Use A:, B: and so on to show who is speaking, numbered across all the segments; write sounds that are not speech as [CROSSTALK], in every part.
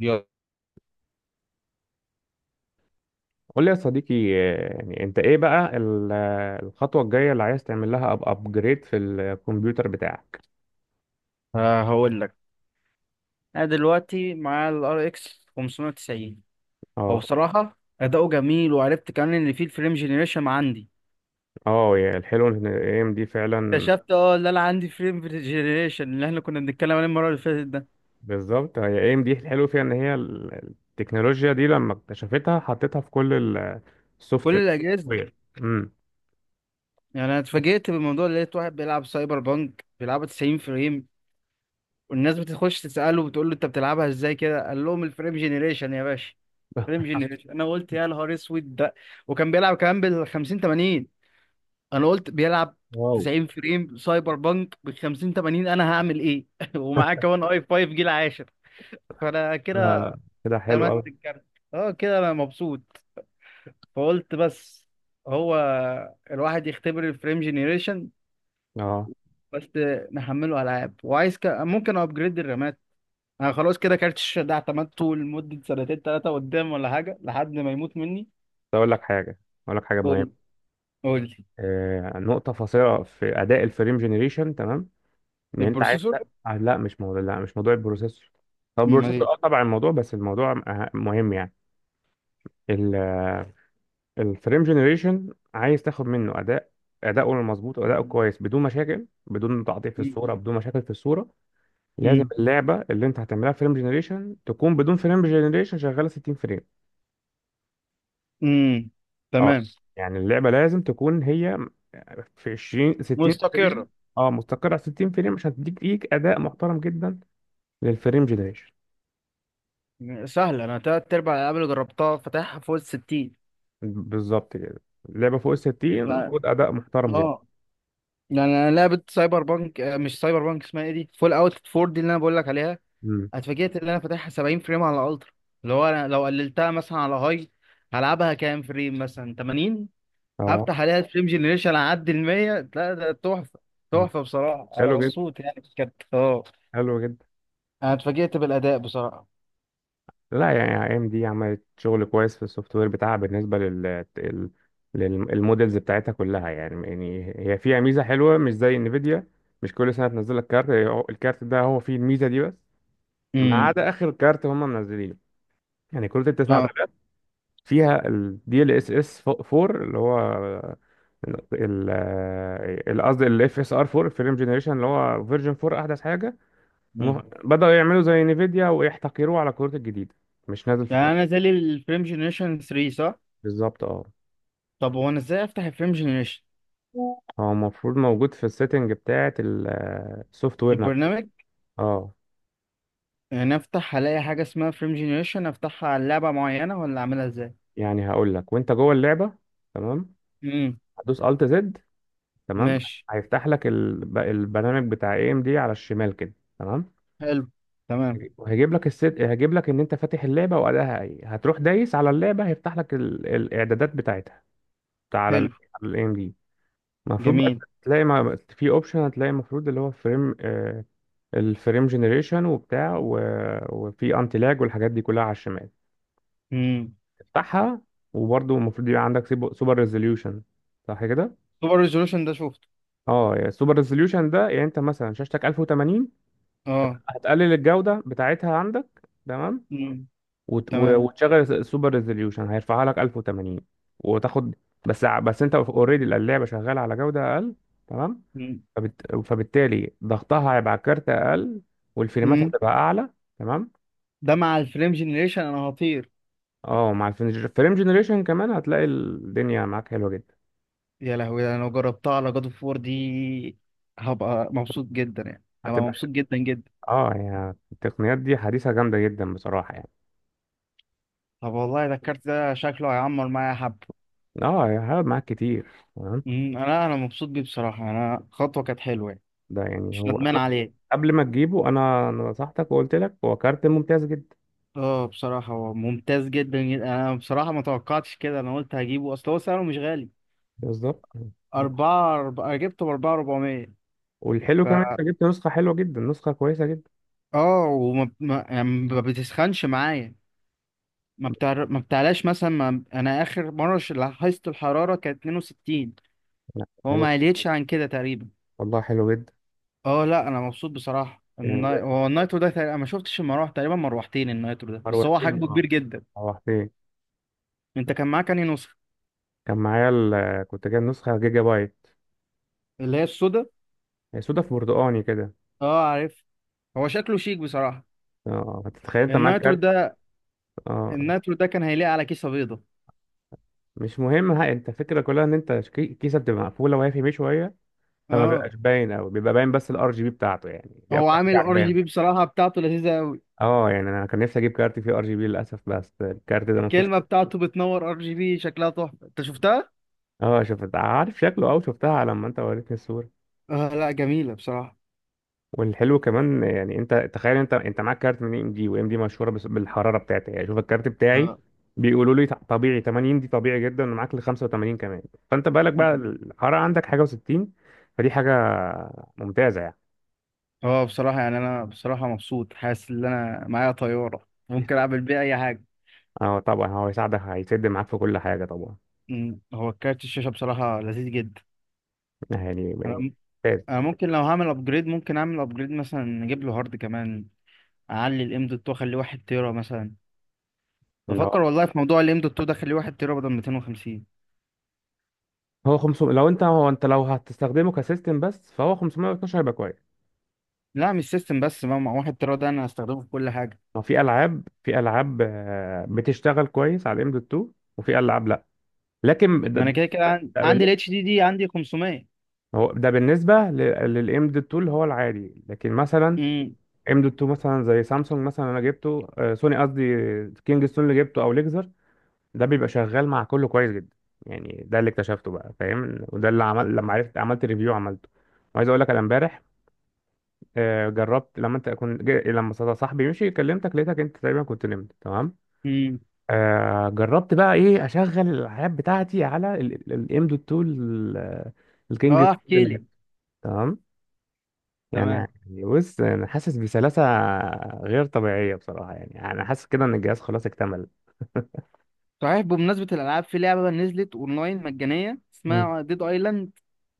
A: يلا،
B: قول لي يا صديقي، يعني انت ايه بقى الخطوة الجاية اللي عايز تعمل لها ابجريد في الكمبيوتر بتاعك.
A: هقول لك. انا دلوقتي مع الار اكس 590. هو
B: اه
A: بصراحه اداؤه جميل، وعرفت كمان ان في الفريم جنريشن عندي.
B: اه يا الحلو ان اي ام دي فعلا.
A: اكتشفت ان انا عندي فريم جنريشن اللي احنا كنا بنتكلم عليه المره اللي فاتت ده.
B: بالظبط، هي اي ام دي الحلو فيها ان هي التكنولوجيا دي لما اكتشفتها حطيتها في كل
A: كل
B: السوفت
A: الاجهزه.
B: وير امم
A: يعني انا اتفاجئت بالموضوع، اللي لقيت واحد بيلعب سايبر بانك بيلعبها 90 فريم، والناس بتخش تساله، بتقول له انت بتلعبها ازاي كده؟ قال لهم الفريم جنريشن يا باشا. فريم
B: [LAUGHS]
A: جنريشن، انا قلت يا نهار اسود ده. وكان بيلعب كمان بال 50 80. انا قلت بيلعب
B: واو.
A: 90 فريم سايبر بانك ب 50 80، انا هعمل ايه؟ [LAUGHS] ومعاه كمان اي 5 جيل عاشر. فانا
B: لا
A: كده
B: لا، كده حلو
A: اعتمدت
B: قوي.
A: الكارت. اه كده انا مبسوط. فقلت بس هو الواحد يختبر الفريم جينيريشن
B: اه
A: بس نحمله العاب، وعايز ممكن ابجريد الرامات. انا خلاص كده كارت الشاشه ده اعتمدته لمده سنتين 3 قدام، ولا حاجه لحد ما يموت مني.
B: بس اقول لك حاجه، اقول لك حاجه
A: قول لي،
B: مهمه.
A: قول لي.
B: نقطه فاصله في اداء الفريم جنريشن، تمام. ان انت عايز،
A: البروسيسور؟
B: لا لا مش موضوع، لا مش موضوع البروسيسور. هو البروسيسور،
A: امال؟
B: طبعا الموضوع، بس الموضوع مهم يعني. الفريم جنريشن، عايز تاخد منه اداء، اداؤه المظبوط واداؤه كويس، بدون مشاكل، بدون تعطيل في
A: ايه؟
B: الصوره، بدون مشاكل في الصوره. لازم
A: امم،
B: اللعبه اللي انت هتعملها فريم جنريشن تكون بدون فريم جنريشن شغاله 60 فريم.
A: امم،
B: اه
A: تمام.
B: يعني اللعبه لازم تكون هي في 20 60
A: مستقرة.
B: فريم. اه مستقره على 60 فريم عشان تديك ليك اداء محترم جدا للفريم جنريشن.
A: سهلة، أنا تلات أرباع الألعاب اللي جربتها فاتحها فوق ال 60.
B: بالظبط كده. اللعبة فوق الستين،
A: ف...
B: خد أداء محترم جدا.
A: اه، يعني أنا لعبة سايبر بانك، مش سايبر بانك، اسمها إيه دي؟ فول أوت 4 دي اللي أنا بقول لك عليها.
B: مم.
A: اتفاجئت إن أنا فاتحها 70 فريم على الألترا. اللي هو أنا لو قللتها مثلا على هاي، هلعبها كام فريم؟ مثلا 80.
B: اه.
A: هفتح عليها الفريم جنريشن أعدي ال 100، لا ده تحفة.
B: مم.
A: تحفة بصراحة، أنا
B: حلو جدا،
A: مبسوط يعني، بجد اه.
B: حلو جدا.
A: أنا اتفاجئت بالأداء بصراحة.
B: لا، يعني اي ام دي عملت شغل كويس في السوفت وير بتاعها بالنسبة للمودلز بتاعتها كلها. يعني هي فيها ميزة حلوة مش زي انفيديا. مش كل سنة تنزل لك كارت. الكارت ده هو فيه الميزة دي بس. ما
A: امم،
B: عدا آخر كارت هم منزلينه. يعني كروت التسعة ده
A: اه،
B: فيها الدي ال اس اس 4 اللي هو ال قصدي ال FSR 4، فيلم جنريشن اللي هو فيرجن 4، احدث حاجه.
A: امم.
B: بداوا يعملوا زي نيفيديا ويحتكروه على الكروت الجديده، مش نازل في
A: يعني أنا
B: كروت.
A: زي الفريم جنريشن 3 صح؟
B: بالظبط. اه
A: طب هو انا ازاي افتح الفريم جنريشن؟
B: هو المفروض موجود في السيتنج بتاعه السوفت وير نفسه.
A: البرنامج؟
B: اه
A: يعني افتح الاقي حاجه اسمها فريم جنريشن، افتحها على لعبه معينه، ولا اعملها ازاي؟
B: يعني هقول لك، وانت جوه اللعبه، تمام.
A: امم.
B: هتدوس الت زد، تمام.
A: ماشي.
B: هيفتح لك البرنامج بتاع اي ام دي على الشمال كده، تمام.
A: حلو. تمام.
B: وهيجيب لك الست، هيجيب لك ان انت فاتح اللعبه وادائها ايه، هتروح دايس على اللعبه، هيفتح لك الاعدادات بتاعتها على ال
A: حلو.
B: على الاي ام دي. المفروض بقى
A: جميل.
B: تلاقي ما في اوبشن، هتلاقي المفروض اللي هو فريم آه الفريم جنريشن وفي انتي لاج والحاجات دي كلها على الشمال.
A: امم.
B: تفتحها. وبرضه المفروض يبقى عندك سوبر ريزوليوشن، صح كده؟
A: سوبر ريزولوشن ده شفته.
B: اه السوبر ريزوليوشن ده يعني انت مثلا شاشتك 1080.
A: اه.
B: هتقلل الجودة بتاعتها عندك، تمام.
A: امم.
B: وت... و- مم.
A: تمام.
B: وتشغل السوبر ريزوليوشن هيرفعها لك 1080. وتاخد، بس انت اوريدي اللعبة شغالة على جودة اقل، تمام.
A: امم.
B: فبالتالي ضغطها هيبقى على الكارت اقل والفريمات
A: أمم.
B: هتبقى اعلى، تمام.
A: ده مع الفريم جنريشن انا هطير.
B: اه مع الفريم جنريشن كمان هتلاقي الدنيا معاك حلوه جدا.
A: يا لهوي، انا لو جربتها على جاد اوف وور دي، هبقى مبسوط جدا، يعني هبقى
B: هتبقى.
A: مبسوط جدا جدا.
B: اه يعني التقنيات دي حديثه جامده جدا بصراحه، يعني.
A: طب والله ده الكارت ده شكله هيعمر معايا حبه.
B: اه هيقعد معاك كتير، تمام.
A: أمم، انا مبسوط بيه بصراحه، انا خطوه كانت حلوه يعني.
B: ده يعني،
A: مش
B: هو
A: ندمان
B: انا
A: عليه.
B: قبل ما تجيبه، انا نصحتك وقلت لك هو كارت ممتاز جدا.
A: اه بصراحة هو ممتاز جدا جدا. انا بصراحة ما توقعتش كده، انا قلت هجيبه اصل هو سعره مش غالي.
B: بالظبط.
A: أربعة أربعة، أنا جبته بأربعة 400.
B: والحلو
A: ف
B: كمان انت جبت نسخه حلوه جدا، نسخه كويسه جدا.
A: اه وما ما... يعني ما بتسخنش معايا. ما بتعلاش مثلا ما... أنا آخر مرة لاحظت الحرارة كانت 62.
B: لا
A: هو
B: حلو.
A: ما قلتش عن كده تقريبا.
B: والله حلو جدا.
A: اه لا، أنا مبسوط بصراحة.
B: يعني
A: هو النايترو ده تقريبا، أنا ما شفتش المراوح تقريبا، مروحتين النايترو ده، بس هو
B: روحتين
A: حجمه
B: اه
A: كبير جدا.
B: روحتين
A: أنت كان معاك أنهي نسخة؟
B: كان معايا كنت جايب نسخة جيجا بايت.
A: اللي هي السودا.
B: هي سودا في برتقاني كده.
A: اه عارف. هو شكله شيك بصراحة.
B: اه هتتخيل انت معاك
A: النايترو
B: كارت.
A: ده
B: اه
A: النايترو ده كان هيليق على كيسة بيضة.
B: مش مهم. ها، انت الفكرة كلها ان انت الكيسة بتبقى مقفولة وهي في بيه شوية. فما
A: اه
B: بيبقاش باين قوي، بيبقى باين، بس الار جي بي بتاعته يعني دي
A: هو
B: اكتر حاجة
A: عامل ار جي
B: عجباني.
A: بي بصراحة، بتاعته لذيذة قوي.
B: اه يعني انا كان نفسي اجيب كارت فيه ار جي بي، للاسف بس الكارت ده ما فيهوش.
A: الكلمة بتاعته بتنور ار جي بي شكلها تحفة، انت شفتها؟
B: اه شفت عارف شكله، او شفتها لما انت وريتني الصورة.
A: اه لا جميلة بصراحة.
B: والحلو كمان يعني، انت تخيل، انت معاك كارت من اي ام دي، وام دي مشهوره بالحراره بتاعتها يعني. شوف الكارت بتاعي،
A: اه
B: بيقولوا لي طبيعي 80، دي طبيعي جدا ومعاك ل 85 كمان. فانت بالك بقى الحراره عندك حاجه و60، فدي حاجه ممتازه يعني.
A: اه بصراحة، يعني انا بصراحة مبسوط، حاسس ان انا معايا طيارة ممكن
B: [LAUGHS]
A: اعمل بيها اي حاجة.
B: اه طبعا هو هيساعدك، هيسد معاك في كل حاجه طبعا.
A: مم. هو كارت الشاشة بصراحة لذيذ جدا.
B: يعني
A: انا
B: ممتاز.
A: انا ممكن لو هعمل ابجريد، ممكن اعمل ابجريد مثلا نجيب له هارد كمان. اعلي الام دوت واخليه 1 تيرا مثلا.
B: ان هو
A: بفكر والله في موضوع الام دوت 2 ده، خليه 1 تيرا بدل 250.
B: هو 500، لو انت، هو انت لو هتستخدمه كسيستم بس، فهو 512 هيبقى كويس.
A: لا مش سيستم بس، ما مع 1 تيرا ده انا هستخدمه في كل حاجه.
B: هو في العاب بتشتغل كويس على الام دوت 2. وفي العاب، لكن ده
A: ما انا كده كده
B: ده
A: عندي
B: بالن-
A: الاتش دي دي عندي 500.
B: هو ده بالنسبة للام دوت 2 اللي هو العادي، لكن مثلا
A: امم،
B: ام دوت 2 مثلا زي سامسونج مثلا. انا جبته سوني قصدي، كينج ستون اللي جبته، او ليكزر، ده بيبقى شغال مع كله كويس جدا. يعني ده اللي اكتشفته بقى، فاهم؟ وده اللي عمل لما عرفت عملت ريفيو عملته. وعايز اقول لك، انا امبارح جربت لما انت كنت جا- لما صدا- صاحبي مشي كلمتك، لقيتك انت تقريبا كنت نمت، تمام.
A: امم،
B: جربت بقى ايه اشغل الالعاب بتاعتي على الام دوت 2 الكينج،
A: اه احكي لي،
B: تمام يعني.
A: تمام.
B: بص انا حاسس بسلاسة غير طبيعية بصراحة، يعني انا حاسس كده ان الجهاز خلاص اكتمل.
A: صحيح، بمناسبه الالعاب، في لعبه نزلت اونلاين مجانيه
B: مم.
A: اسمها ديد ايلاند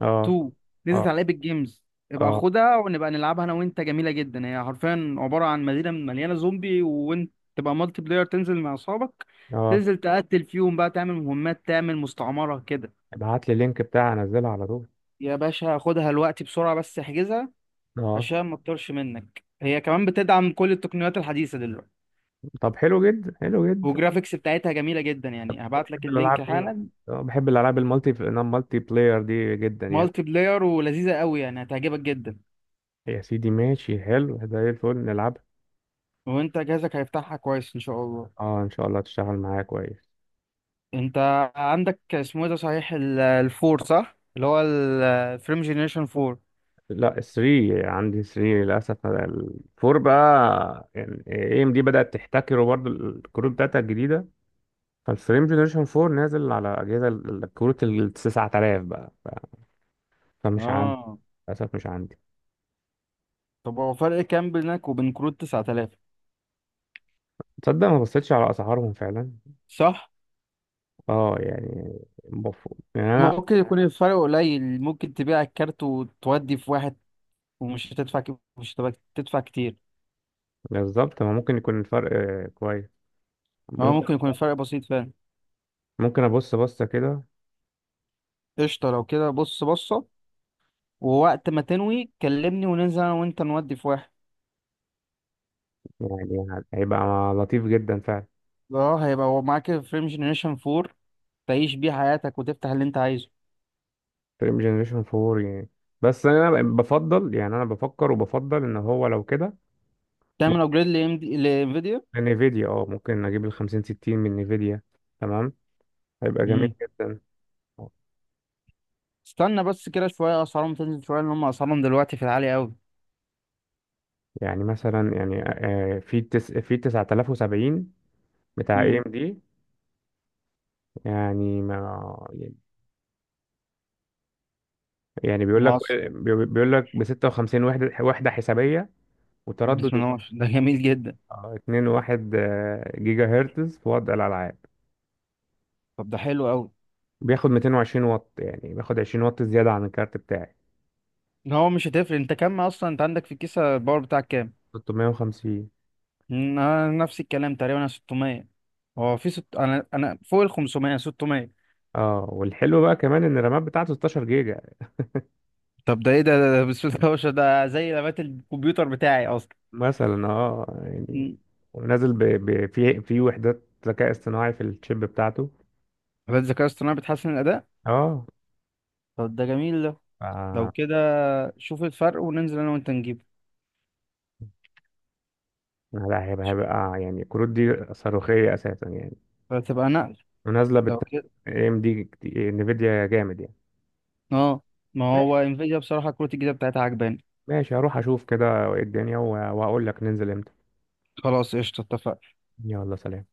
B: اه،
A: 2، نزلت
B: اه،
A: على ايبك جيمز. ابقى
B: اه.
A: خدها ونبقى نلعبها انا وانت. جميله جدا، هي حرفيا عباره عن مدينه مليانه زومبي، وانت تبقى مالتي بلاير تنزل مع اصحابك،
B: اه،
A: تنزل تقتل فيهم بقى، تعمل مهمات، تعمل مستعمره كده.
B: ابعت لي اللينك بتاعي انزلها على طول.
A: يا باشا خدها، الوقت بسرعة بس احجزها
B: اه،
A: عشان ما تطرش منك. هي كمان بتدعم كل التقنيات الحديثة دلوقتي،
B: طب حلو جدا، حلو جدا.
A: والجرافيكس بتاعتها جميلة جدا، يعني هبعت لك
B: بحب الالعاب
A: اللينك
B: ايه؟
A: حالا.
B: اه بحب الالعاب المالتي بلاير دي جدا يعني.
A: مالتي بلاير ولذيذة قوي، يعني هتعجبك جدا.
B: يا سيدي، ماشي، حلو زي الفل نلعب.
A: وانت جهازك هيفتحها كويس ان شاء الله.
B: اه، ان شاء الله تشتغل معايا كويس.
A: انت عندك اسمه ايه ده صحيح الفور صح اللي هو الفريم جينيريشن 4؟
B: لا، 3، عندي 3 للاسف. الفور بقى، يعني اي ام دي بدات تحتكره برضو الكروت بتاعتها الجديده. فالفريم جنريشن 4 نازل على اجهزه الكروت ال 9000 بقى. فمش عندي،
A: اه.
B: للاسف مش عندي.
A: طب هو فرق كام بينك وبين كروت 9000؟
B: تصدق ما بصيتش على اسعارهم فعلا.
A: صح.
B: اه يعني، المفروض، يعني انا...
A: ممكن يكون الفرق قليل، ممكن تبيع الكارت وتودي في واحد، ومش هتدفع مش هتبقى تدفع كتير.
B: بالظبط. ما ممكن يكون الفرق كويس،
A: هو
B: ممكن.
A: ممكن يكون الفرق بسيط فعلا.
B: ممكن ابص بصه كده.
A: قشطة، لو كده بص بصة. ووقت ما تنوي كلمني، وننزل انا وانت نودي في واحد.
B: يعني هيبقى لطيف جدا فعلا.
A: اه هيبقى هو معاك الفريم جنريشن 4، تعيش بيه حياتك وتفتح اللي انت عايزه.
B: فريم جنريشن 4 يعني. بس انا بفضل، يعني انا بفكر وبفضل ان هو لو كده،
A: تعمل
B: ممكن.
A: ابجريد لام دي لانفيديا.
B: نيفيديا، ممكن اجيب ال 50 60 من نيفيديا، تمام. هيبقى جميل
A: امم.
B: جدا.
A: استنى بس كده شوية، اسعارهم تنزل شوية، لان هم اسعارهم دلوقتي في العالي قوي.
B: يعني مثلا، يعني في في 9070 بتاع اي
A: امم.
B: ام دي، يعني ما يعني،
A: مصر،
B: بيقول لك ب 56 وحده حسابيه،
A: بسم
B: وتردد
A: الله ما شاء الله. ده جميل جدا.
B: 2.1 جيجا هرتز في وضع الالعاب.
A: طب ده حلو قوي.
B: بياخد 220 واط، يعني بياخد 20 واط زياده عن الكارت بتاعي.
A: هو مش هتفرق، انت كام اصلا؟ انت عندك في الكيسة الباور بتاعك كام؟
B: 650.
A: مم، انا نفس الكلام تقريبا، انا 600. هو في انا فوق ال 500 600.
B: اه والحلو بقى كمان ان الرامات بتاعته 16 جيجا،
A: طب ده ايه ده بسم الله ما شاء الله، ده زي لابات الكمبيوتر بتاعي اصلا.
B: مثلا. اه يعني
A: مم.
B: ونازل في وحدات ذكاء اصطناعي في الشيب بتاعته.
A: لابات الذكاء الاصطناعي بتحسن الاداء.
B: اه
A: طب ده جميل ده. لو
B: ف-
A: كده شوف الفرق وننزل انا وانت نجيبه.
B: لا، هيبقى يعني الكروت دي صاروخية أساسا يعني.
A: فتبقى نقل.
B: ونازلة بال
A: لو كده
B: اي ام دي. انفيديا جامد يعني.
A: اه، ما
B: ماشي
A: هو انفيديا بصراحة كروت الجديدة بتاعتها عجباني.
B: ماشي، هروح أشوف كده إيه الدنيا وهقول لك ننزل امتى.
A: خلاص قشطة اتفقنا.
B: يلا سلام.